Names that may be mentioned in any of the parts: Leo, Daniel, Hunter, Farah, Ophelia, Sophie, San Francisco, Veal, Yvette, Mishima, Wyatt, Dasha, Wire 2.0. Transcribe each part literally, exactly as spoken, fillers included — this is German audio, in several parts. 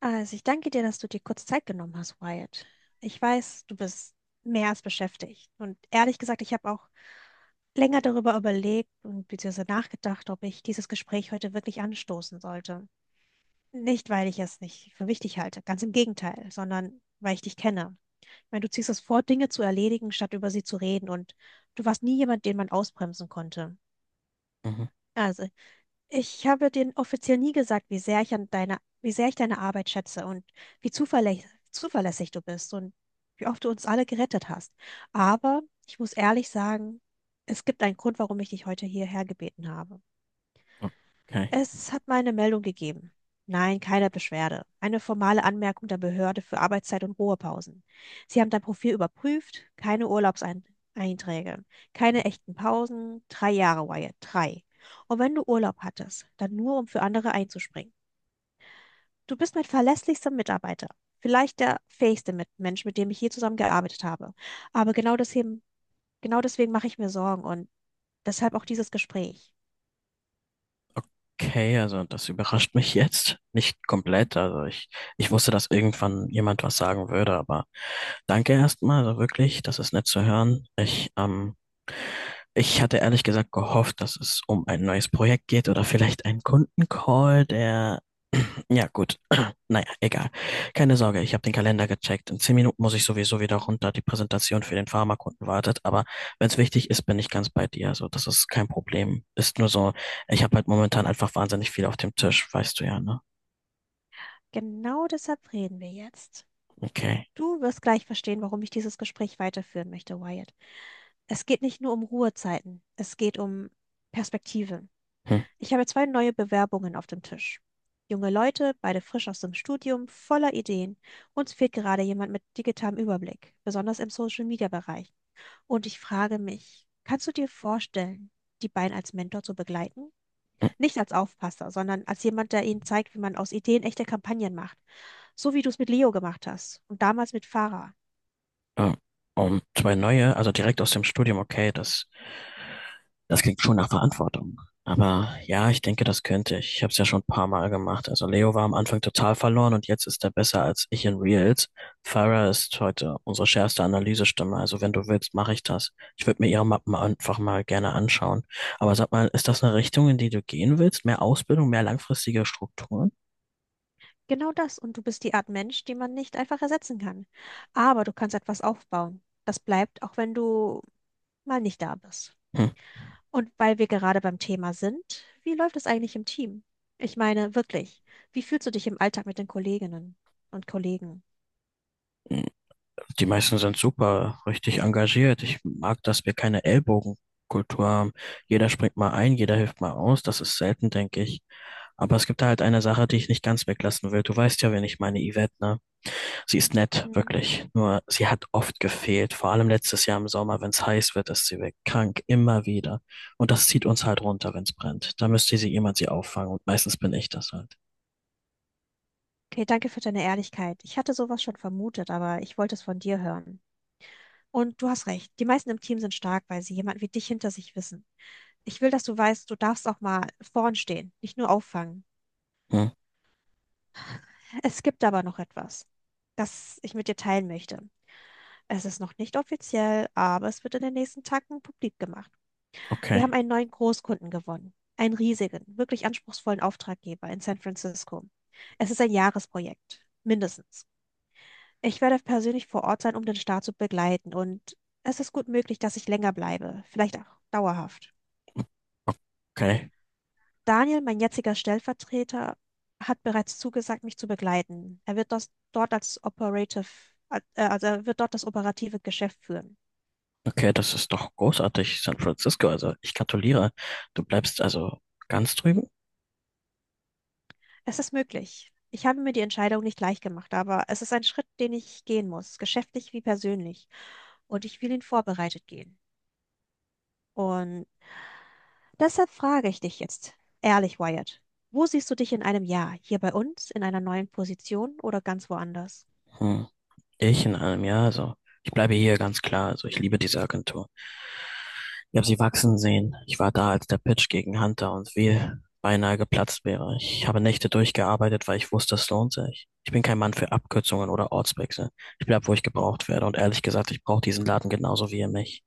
Also, ich danke dir, dass du dir kurz Zeit genommen hast, Wyatt. Ich weiß, du bist mehr als beschäftigt. Und ehrlich gesagt, ich habe auch länger darüber überlegt und beziehungsweise nachgedacht, ob ich dieses Gespräch heute wirklich anstoßen sollte. Nicht, weil ich es nicht für wichtig halte, ganz im Gegenteil, sondern weil ich dich kenne. Ich meine, du ziehst es vor, Dinge zu erledigen, statt über sie zu reden. Und du warst nie jemand, den man ausbremsen konnte. Mhm. Also, ich habe dir offiziell nie gesagt, wie sehr ich an deiner, wie sehr ich deine Arbeit schätze und wie zuverlä zuverlässig du bist und wie oft du uns alle gerettet hast. Aber ich muss ehrlich sagen, es gibt einen Grund, warum ich dich heute hierher gebeten habe. Okay. Es hat mal eine Meldung gegeben. Nein, keine Beschwerde. Eine formale Anmerkung der Behörde für Arbeitszeit und Ruhepausen. Sie haben dein Profil überprüft, keine Urlaubseinträge, keine echten Pausen, drei Jahre, Wyatt, drei. Und wenn du Urlaub hattest, dann nur, um für andere einzuspringen. Du bist mein verlässlichster Mitarbeiter. Vielleicht der fähigste Mit- Mensch, mit dem ich hier zusammengearbeitet habe. Aber genau deswegen, genau deswegen mache ich mir Sorgen und deshalb auch dieses Gespräch. Okay, also das überrascht mich jetzt nicht komplett. Also ich, ich wusste, dass irgendwann jemand was sagen würde, aber danke erstmal, also wirklich, das ist nett zu hören. Ich, ähm, ich hatte ehrlich gesagt gehofft, dass es um ein neues Projekt geht oder vielleicht einen Kundencall, der, ja gut, naja, egal. Keine Sorge, ich habe den Kalender gecheckt. In zehn Minuten muss ich sowieso wieder Mhm. runter. Die Präsentation für den Pharmakunden wartet, aber wenn es wichtig ist, bin ich ganz bei dir. Also das ist kein Problem. Ist nur so, ich habe halt momentan einfach wahnsinnig viel auf dem Tisch, weißt du ja, ne? Genau deshalb reden wir jetzt. Okay. Du wirst gleich verstehen, warum ich dieses Gespräch weiterführen möchte, Wyatt. Es geht nicht nur um Ruhezeiten, es geht um Perspektive. Hm, Ich habe zwei neue Bewerbungen auf dem Tisch. Junge Leute, beide frisch aus dem Studium, voller Ideen. Uns fehlt gerade jemand mit digitalem Überblick, besonders im Social-Media-Bereich. Und ich frage mich, kannst du dir vorstellen, die beiden als Mentor zu begleiten? hm, Nicht als Aufpasser, sondern als jemand, der ihnen zeigt, wie man aus Ideen echte Kampagnen macht. So wie du es mit Leo gemacht hast und damals mit Farah. ähm, um zwei neue, also direkt aus dem Studium, okay, das Das klingt schon nach Verantwortung. Aber ja, ich denke, das könnte ich. Ich habe es ja schon ein paar Mal gemacht. Also Leo war am Anfang total verloren und jetzt ist er besser als ich in Reels. Farah ist heute unsere schärfste Analysestimme. Also wenn du willst, mache ich das. Ich würde mir ihre Mappen einfach mal gerne anschauen. Aber sag mal, ist das eine Richtung, in die du gehen willst? Mehr Ausbildung, mehr langfristige Strukturen? Genau das. Und du bist die Art Mensch, die man nicht einfach ersetzen kann. Aber du kannst etwas aufbauen. Das bleibt, auch wenn du mal nicht da bist. Hm. Und weil wir gerade beim Thema sind, wie läuft es eigentlich im Team? Ich meine, wirklich, wie fühlst du dich im Alltag mit den Kolleginnen und Kollegen? Die meisten sind super, richtig engagiert. Ich mag, dass wir keine Ellbogenkultur haben. Jeder springt mal ein, jeder hilft mal aus. Das ist selten, denke ich. Aber es gibt da halt eine Sache, die ich nicht ganz weglassen will. Du weißt ja, wen ich meine, Yvette, ne? Sie ist nett, Mhm. wirklich. Nur sie hat oft gefehlt. Vor allem letztes Jahr im Sommer, wenn es heiß wird, ist sie weg. Krank, immer wieder. Und das zieht uns halt runter, wenn es brennt. Da müsste sie jemand sie auffangen. Und meistens bin ich das halt. Okay, danke für deine Ehrlichkeit. Ich hatte sowas schon vermutet, aber ich wollte es von dir hören. Und du hast recht, die meisten im Team sind stark, weil sie jemanden wie dich hinter sich wissen. Ich will, dass du weißt, du darfst auch mal vorn stehen, nicht nur auffangen. Hm, Es gibt aber noch etwas, das ich mit dir teilen möchte. Es ist noch nicht offiziell, aber es wird in den nächsten Tagen publik gemacht. Wir haben okay, einen neuen Großkunden gewonnen. Einen riesigen, wirklich anspruchsvollen Auftraggeber in San Francisco. Es ist ein Jahresprojekt, mindestens. Ich werde persönlich vor Ort sein, um den Start zu begleiten und es ist gut möglich, dass ich länger bleibe, vielleicht auch dauerhaft. okay. Daniel, mein jetziger Stellvertreter, hat bereits zugesagt, mich zu begleiten. Er wird das dort als Operative, äh, Also er wird dort das operative Geschäft führen. Okay, das ist doch großartig, San Francisco. Also ich gratuliere. Du bleibst also ganz drüben? Es ist möglich. Ich habe mir die Entscheidung nicht leicht gemacht, aber es ist ein Schritt, den ich gehen muss, geschäftlich wie persönlich. Und ich will ihn vorbereitet gehen. Und deshalb frage ich dich jetzt, ehrlich, Wyatt, wo siehst du dich in einem Jahr? Hier bei uns, in einer neuen Position oder ganz woanders? Hm, ich in einem Jahr, also ich bleibe hier ganz klar. Also ich liebe diese Agentur. Ich habe sie wachsen sehen. Ich war da, als der Pitch gegen Hunter und Veal beinahe geplatzt wäre. Ich habe Nächte durchgearbeitet, weil ich wusste, es lohnt sich. Ich bin kein Mann für Abkürzungen oder Ortswechsel. Ich bleib, wo ich gebraucht werde. Und ehrlich gesagt, ich brauche diesen Laden genauso wie ihr mich.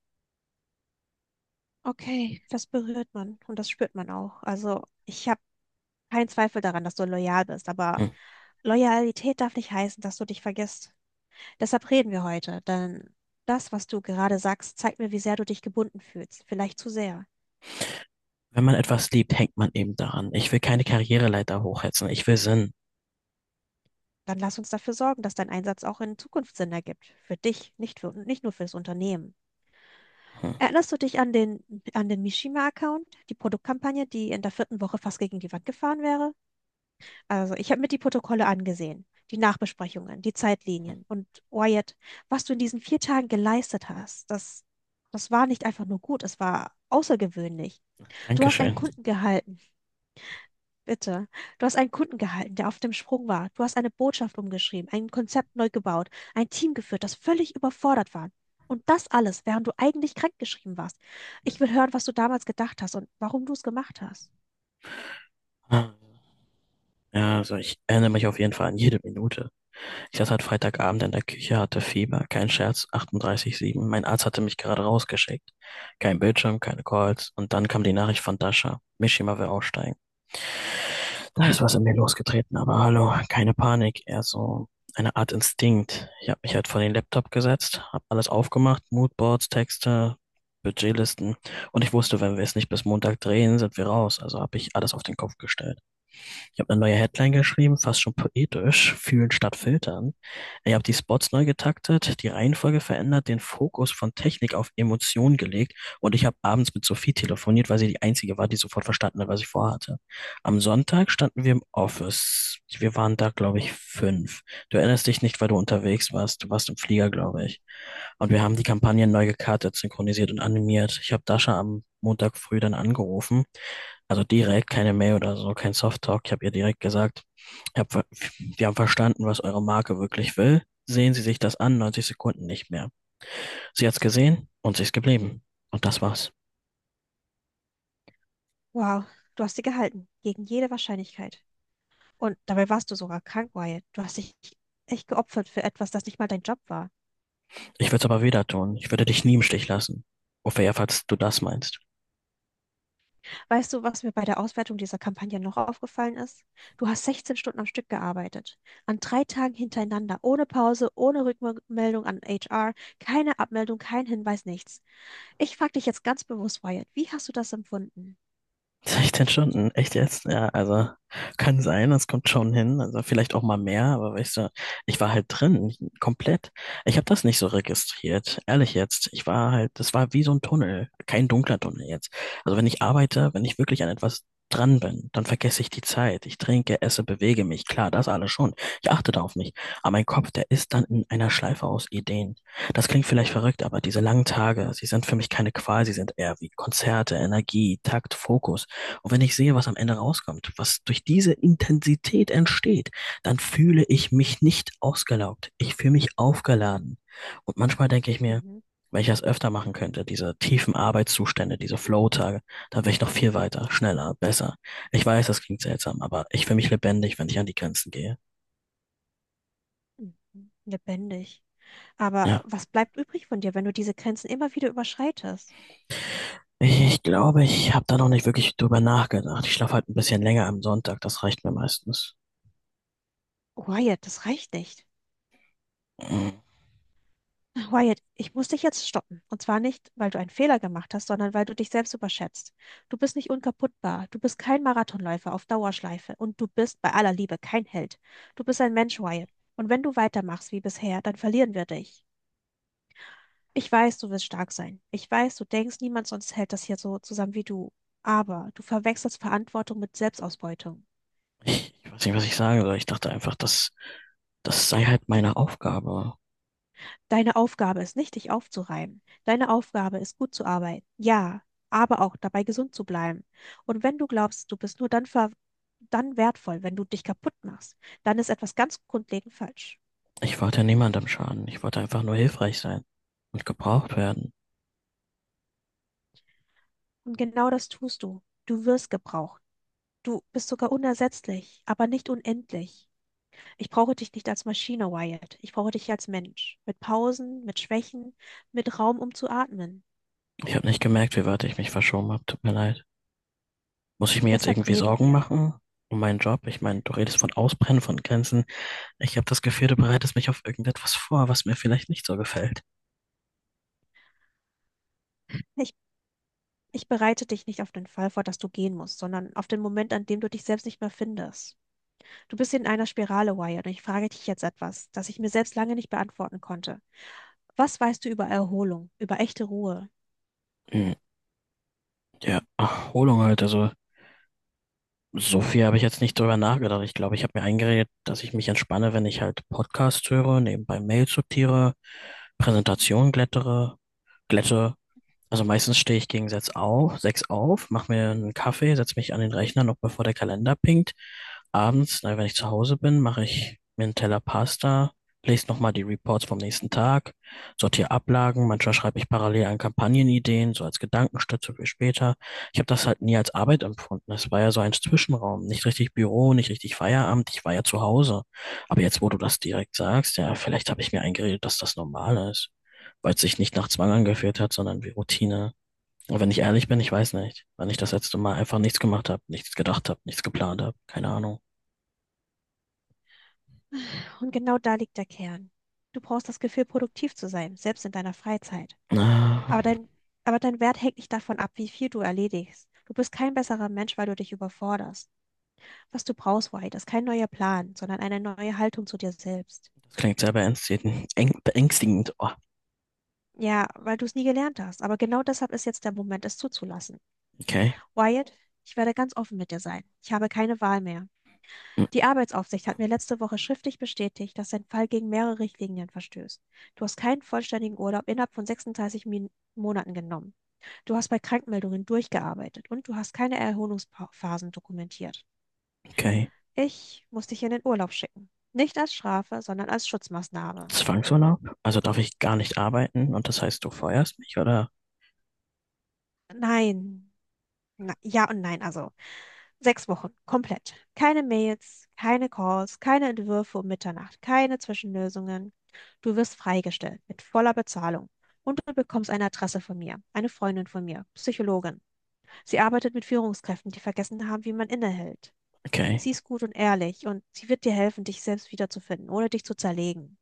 Okay, das berührt man und das spürt man auch. Also, ich habe keinen Zweifel daran, dass du loyal bist, aber Hm. Loyalität darf nicht heißen, dass du dich vergisst. Deshalb reden wir heute, denn das, was du gerade sagst, zeigt mir, wie sehr du dich gebunden fühlst. Vielleicht zu sehr. Wenn man etwas liebt, hängt man eben daran. Ich will keine Karriereleiter hochhetzen. Ich will Sinn. Dann lass uns dafür sorgen, dass dein Einsatz auch in Zukunft Sinn ergibt. Für dich, nicht für, nicht nur für das Unternehmen. Hm. Erinnerst du dich an den, an den Mishima-Account, die Produktkampagne, die in der vierten Woche fast gegen die Wand gefahren wäre? Also, ich habe mir die Protokolle angesehen, die Nachbesprechungen, die Zeitlinien und Wyatt, was du in diesen vier Tagen geleistet hast, das, das war nicht einfach nur gut, es war außergewöhnlich. Du hast einen Dankeschön. Kunden gehalten, bitte. Du hast einen Kunden gehalten, der auf dem Sprung war. Du hast eine Botschaft umgeschrieben, ein Konzept neu gebaut, ein Team geführt, das völlig überfordert war. Und das alles, während du eigentlich krankgeschrieben warst. Ich will hören, was du damals gedacht hast und warum du es gemacht hast. Ah, Ja, also ich erinnere mich auf jeden Fall an jede Minute. Ich saß halt Freitagabend in der Küche, hatte Fieber, kein Scherz, achtunddreißig Komma sieben. Mein Arzt hatte mich gerade rausgeschickt. Kein Bildschirm, keine Calls. Und dann kam die Nachricht von Dasha. Mishima will aussteigen. Da ist was in mir losgetreten, aber hallo, keine Panik, eher so eine Art Instinkt. Ich habe mich halt vor den Laptop gesetzt, habe alles aufgemacht, Moodboards, Texte, Budgetlisten. Und ich wusste, wenn wir es nicht bis Montag drehen, sind wir raus. Also habe ich alles auf den Kopf gestellt. Ich habe eine neue Headline geschrieben, fast schon poetisch, fühlen statt filtern. Ich habe die Spots neu getaktet, die Reihenfolge verändert, den Fokus von Technik auf Emotionen gelegt und ich habe abends mit Sophie telefoniert, weil sie die Einzige war, die sofort verstanden hat, was ich vorhatte. Am Sonntag standen wir im Office. Wir waren da, glaube ich, fünf. Du erinnerst dich nicht, weil du unterwegs warst. Du warst im Flieger, glaube Mhm. ich. Und wir haben die Kampagne neu gekartet, synchronisiert und animiert. Ich habe Dasha am Montag früh dann angerufen, also direkt keine Mail oder so, kein Softtalk. Ich habe ihr direkt gesagt, ich hab, ver- wir haben verstanden, was eure Marke wirklich will. Sehen Sie sich das an, neunzig Sekunden nicht mehr. Sie hat's gesehen und sie ist geblieben. Und das war's. Wow, du hast sie gehalten, gegen jede Wahrscheinlichkeit. Und dabei warst du sogar krank, Wyatt. Du hast dich echt geopfert für etwas, das nicht mal dein Job war. Ich würde es aber wieder tun. Ich würde dich nie im Stich lassen. Ophelia, falls du das meinst. Weißt du, was mir bei der Auswertung dieser Kampagne noch aufgefallen ist? Du hast sechzehn Stunden am Stück gearbeitet. An drei Tagen hintereinander, ohne Pause, ohne Rückmeldung an H R, keine Abmeldung, kein Hinweis, nichts. Ich frage dich jetzt ganz bewusst, Wyatt, wie hast du das empfunden? sechzehn Stunden, echt jetzt? Ja, also kann sein, das kommt schon hin. Also vielleicht auch mal mehr, aber weißt du, ich war halt drin, komplett. Ich habe das nicht so registriert, ehrlich jetzt. Ich war halt, das war wie so ein Tunnel, kein dunkler Tunnel jetzt. Also wenn ich arbeite, wenn ich wirklich an etwas dran bin, dann vergesse ich die Zeit. Ich trinke, esse, bewege mich. Klar, das alles schon. Ich achte da auf mich. Aber mein Kopf, der ist dann in einer Schleife aus Ideen. Das klingt vielleicht verrückt, aber diese langen Tage, sie sind für mich keine Qual, sie sind eher wie Konzerte, Energie, Takt, Fokus. Und wenn ich sehe, was am Ende rauskommt, was durch diese Intensität entsteht, dann fühle ich mich nicht ausgelaugt. Ich fühle mich aufgeladen. Und manchmal denke ich mir, Mhm. wenn ich das öfter machen könnte, diese tiefen Arbeitszustände, diese Flow-Tage, dann wäre ich noch viel weiter, schneller, besser. Ich weiß, das klingt seltsam, aber ich fühle mich lebendig, wenn ich an die Grenzen gehe. mhm, Lebendig. Aber Ja. was bleibt übrig von dir, wenn du diese Grenzen immer wieder überschreitest? Ich, ich glaube, ich habe da noch nicht wirklich drüber nachgedacht. Ich schlafe halt ein bisschen länger am Sonntag, das reicht mir meistens. Wyatt, das reicht nicht. Wyatt, ich muss dich jetzt stoppen. Und zwar nicht, weil du einen Fehler gemacht hast, sondern weil du dich selbst überschätzt. Du bist nicht unkaputtbar. Du bist kein Marathonläufer auf Dauerschleife. Und du bist bei aller Liebe kein Held. Du bist ein Mensch, Wyatt. Und wenn du weitermachst wie bisher, dann verlieren wir dich. Ich weiß, du wirst stark sein. Ich weiß, du denkst, niemand sonst hält das hier so zusammen wie du. Aber du verwechselst Verantwortung mit Selbstausbeutung. Ich, ich weiß nicht, was ich sagen soll. Ich dachte einfach, dass das sei halt meine Aufgabe. Deine Aufgabe ist nicht, dich aufzureiben. Deine Aufgabe ist, gut zu arbeiten. Ja, aber auch dabei gesund zu bleiben. Und wenn du glaubst, du bist nur dann, ver dann wertvoll, wenn du dich kaputt machst, dann ist etwas ganz grundlegend falsch. Ich wollte niemandem schaden. Ich wollte einfach nur hilfreich sein und gebraucht werden. Und genau das tust du. Du wirst gebraucht. Du bist sogar unersetzlich, aber nicht unendlich. Ich brauche dich nicht als Maschine, Wyatt. Ich brauche dich als Mensch. Mit Pausen, mit Schwächen, mit Raum, um zu atmen. Ich habe nicht gemerkt, wie weit ich mich verschoben habe. Tut mir leid. Muss ich mir jetzt Deshalb irgendwie reden Sorgen wir. machen um meinen Job? Ich meine, du redest von Ausbrennen, von Grenzen. Ich habe das Gefühl, du bereitest mich auf irgendetwas vor, was mir vielleicht nicht so gefällt. Ich bereite dich nicht auf den Fall vor, dass du gehen musst, sondern auf den Moment, an dem du dich selbst nicht mehr findest. Du bist in einer Spirale, Wyatt, und ich frage dich jetzt etwas, das ich mir selbst lange nicht beantworten konnte. Was weißt du über Erholung, über echte Ruhe? Hm, Ja, Erholung halt. Also, so viel habe ich jetzt nicht drüber nachgedacht. Ich glaube, ich habe mir eingeredet, dass ich mich entspanne, wenn ich halt Podcasts höre, nebenbei Mails sortiere, Präsentationen glättere, glätte. Also meistens stehe ich gegen sechs auf, sechs auf, mache mir einen Kaffee, setze mich an den Rechner, noch bevor der Kalender pinkt. Abends, na, wenn ich zu Hause bin, mache ich mir einen Teller Pasta, lese nochmal die Reports vom nächsten Tag, sortiere Ablagen, manchmal schreibe ich parallel an Kampagnenideen, so als Gedankenstütze für später. Ich habe das halt nie als Arbeit empfunden. Es war ja so ein Zwischenraum, nicht richtig Büro, nicht richtig Feierabend, ich war ja zu Hause. Aber jetzt, wo du das direkt sagst, ja, vielleicht habe ich mir eingeredet, dass das normal ist, weil es sich nicht nach Zwang angefühlt hat, sondern wie Routine. Und wenn ich ehrlich bin, ich weiß nicht, wann ich das letzte Mal einfach nichts gemacht habe, nichts gedacht habe, nichts geplant habe, keine Ahnung. Und genau da liegt der Kern. Du brauchst das Gefühl, produktiv zu sein, selbst in deiner Freizeit. Ah, Aber dein, aber dein Wert hängt nicht davon ab, wie viel du erledigst. Du bist kein besserer Mensch, weil du dich überforderst. Was du brauchst, Wyatt, ist kein neuer Plan, sondern eine neue Haltung zu dir selbst. Das klingt sehr beängstigend. Eng- Beängstigend. Oh, Ja, weil du es nie gelernt hast. Aber genau deshalb ist jetzt der Moment, es zuzulassen. okay. Wyatt, ich werde ganz offen mit dir sein. Ich habe keine Wahl mehr. Hm, Die Arbeitsaufsicht hat mir letzte Woche schriftlich bestätigt, dass dein Fall gegen mehrere Richtlinien verstößt. Du hast keinen vollständigen Urlaub innerhalb von sechsunddreißig Min Monaten genommen. Du hast bei Krankmeldungen durchgearbeitet und du hast keine Erholungsphasen dokumentiert. okay. Ich muss dich in den Urlaub schicken. Nicht als Strafe, sondern als Schutzmaßnahme. Zwangsurlaub? Also darf ich gar nicht arbeiten und das heißt, du feuerst mich, oder? Nein. Na, ja und nein, also. Sechs Wochen, komplett. Keine Mails, keine Calls, keine Entwürfe um Mitternacht, keine Zwischenlösungen. Du wirst freigestellt mit voller Bezahlung. Und du bekommst eine Adresse von mir, eine Freundin von mir, Psychologin. Sie arbeitet mit Führungskräften, die vergessen haben, wie man innehält. Okay. Sie ist gut und ehrlich und sie wird dir helfen, dich selbst wiederzufinden, ohne dich zu zerlegen.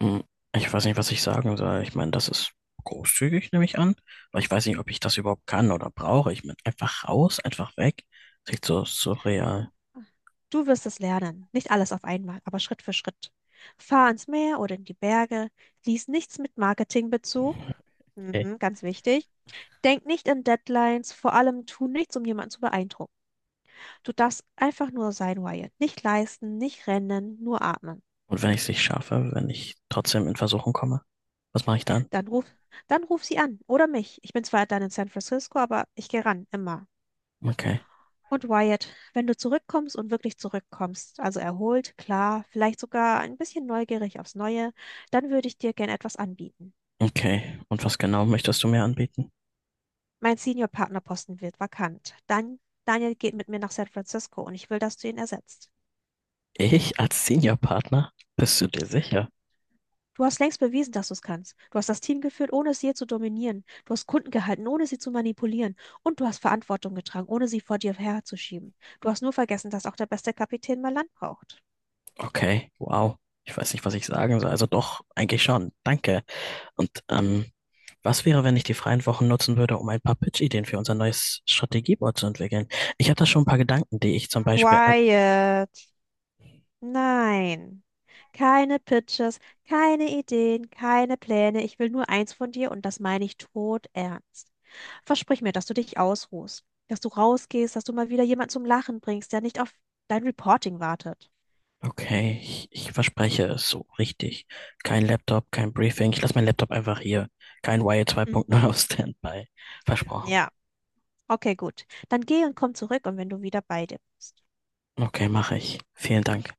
Hm, ich weiß nicht, was ich sagen soll. Ich meine, das ist großzügig, nehme ich an. Aber ich weiß nicht, ob ich das überhaupt kann oder brauche. Ich meine, einfach raus, einfach weg. Klingt so surreal. Du wirst es lernen, nicht alles auf einmal, aber Schritt für Schritt. Fahr ans Meer oder in die Berge, lies nichts mit Marketingbezug, mhm, ganz wichtig, denk nicht in Deadlines, vor allem tu nichts, um jemanden zu beeindrucken. Du darfst einfach nur sein, Wyatt. Nicht leisten, nicht rennen, nur atmen. Und wenn ich es nicht schaffe, wenn ich trotzdem in Versuchung komme, was mache ich dann? Dann ruf, Dann ruf sie an oder mich. Ich bin zwar dann in San Francisco, aber ich gehe ran, immer. Okay. Und Wyatt, wenn du zurückkommst und wirklich zurückkommst, also erholt, klar, vielleicht sogar ein bisschen neugierig aufs Neue, dann würde ich dir gern etwas anbieten. Okay. Und was genau möchtest du mir anbieten? Mein Senior-Partnerposten wird vakant. Dann Daniel geht mit mir nach San Francisco und ich will, dass du ihn ersetzt. Ich als Seniorpartner? Bist du dir sicher? Du hast längst bewiesen, dass du es kannst. Du hast das Team geführt, ohne es je zu dominieren. Du hast Kunden gehalten, ohne sie zu manipulieren. Und du hast Verantwortung getragen, ohne sie vor dir herzuschieben. Du hast nur vergessen, dass auch der beste Kapitän mal Land braucht. Okay. Wow. Ich weiß nicht, was ich sagen soll. Also doch, eigentlich schon. Danke. Und ähm, was wäre, wenn ich die freien Wochen nutzen würde, um ein paar Pitch-Ideen für unser neues Strategieboard zu entwickeln? Ich habe da schon ein paar Gedanken, die ich zum Beispiel, Wyatt. Nein. Keine Pitches, keine Ideen, keine Pläne. Ich will nur eins von dir und das meine ich todernst. Versprich mir, dass du dich ausruhst, dass du rausgehst, dass du mal wieder jemanden zum Lachen bringst, der nicht auf dein Reporting wartet. okay, ich, ich verspreche es so richtig. Kein Laptop, kein Briefing. Ich lasse meinen Laptop einfach hier. Kein Wire zwei Punkt null Mhm. auf Standby. Versprochen. Ja. Okay, gut. Dann geh und komm zurück und wenn du wieder bei dir bist. Okay, mache ich. Vielen Dank.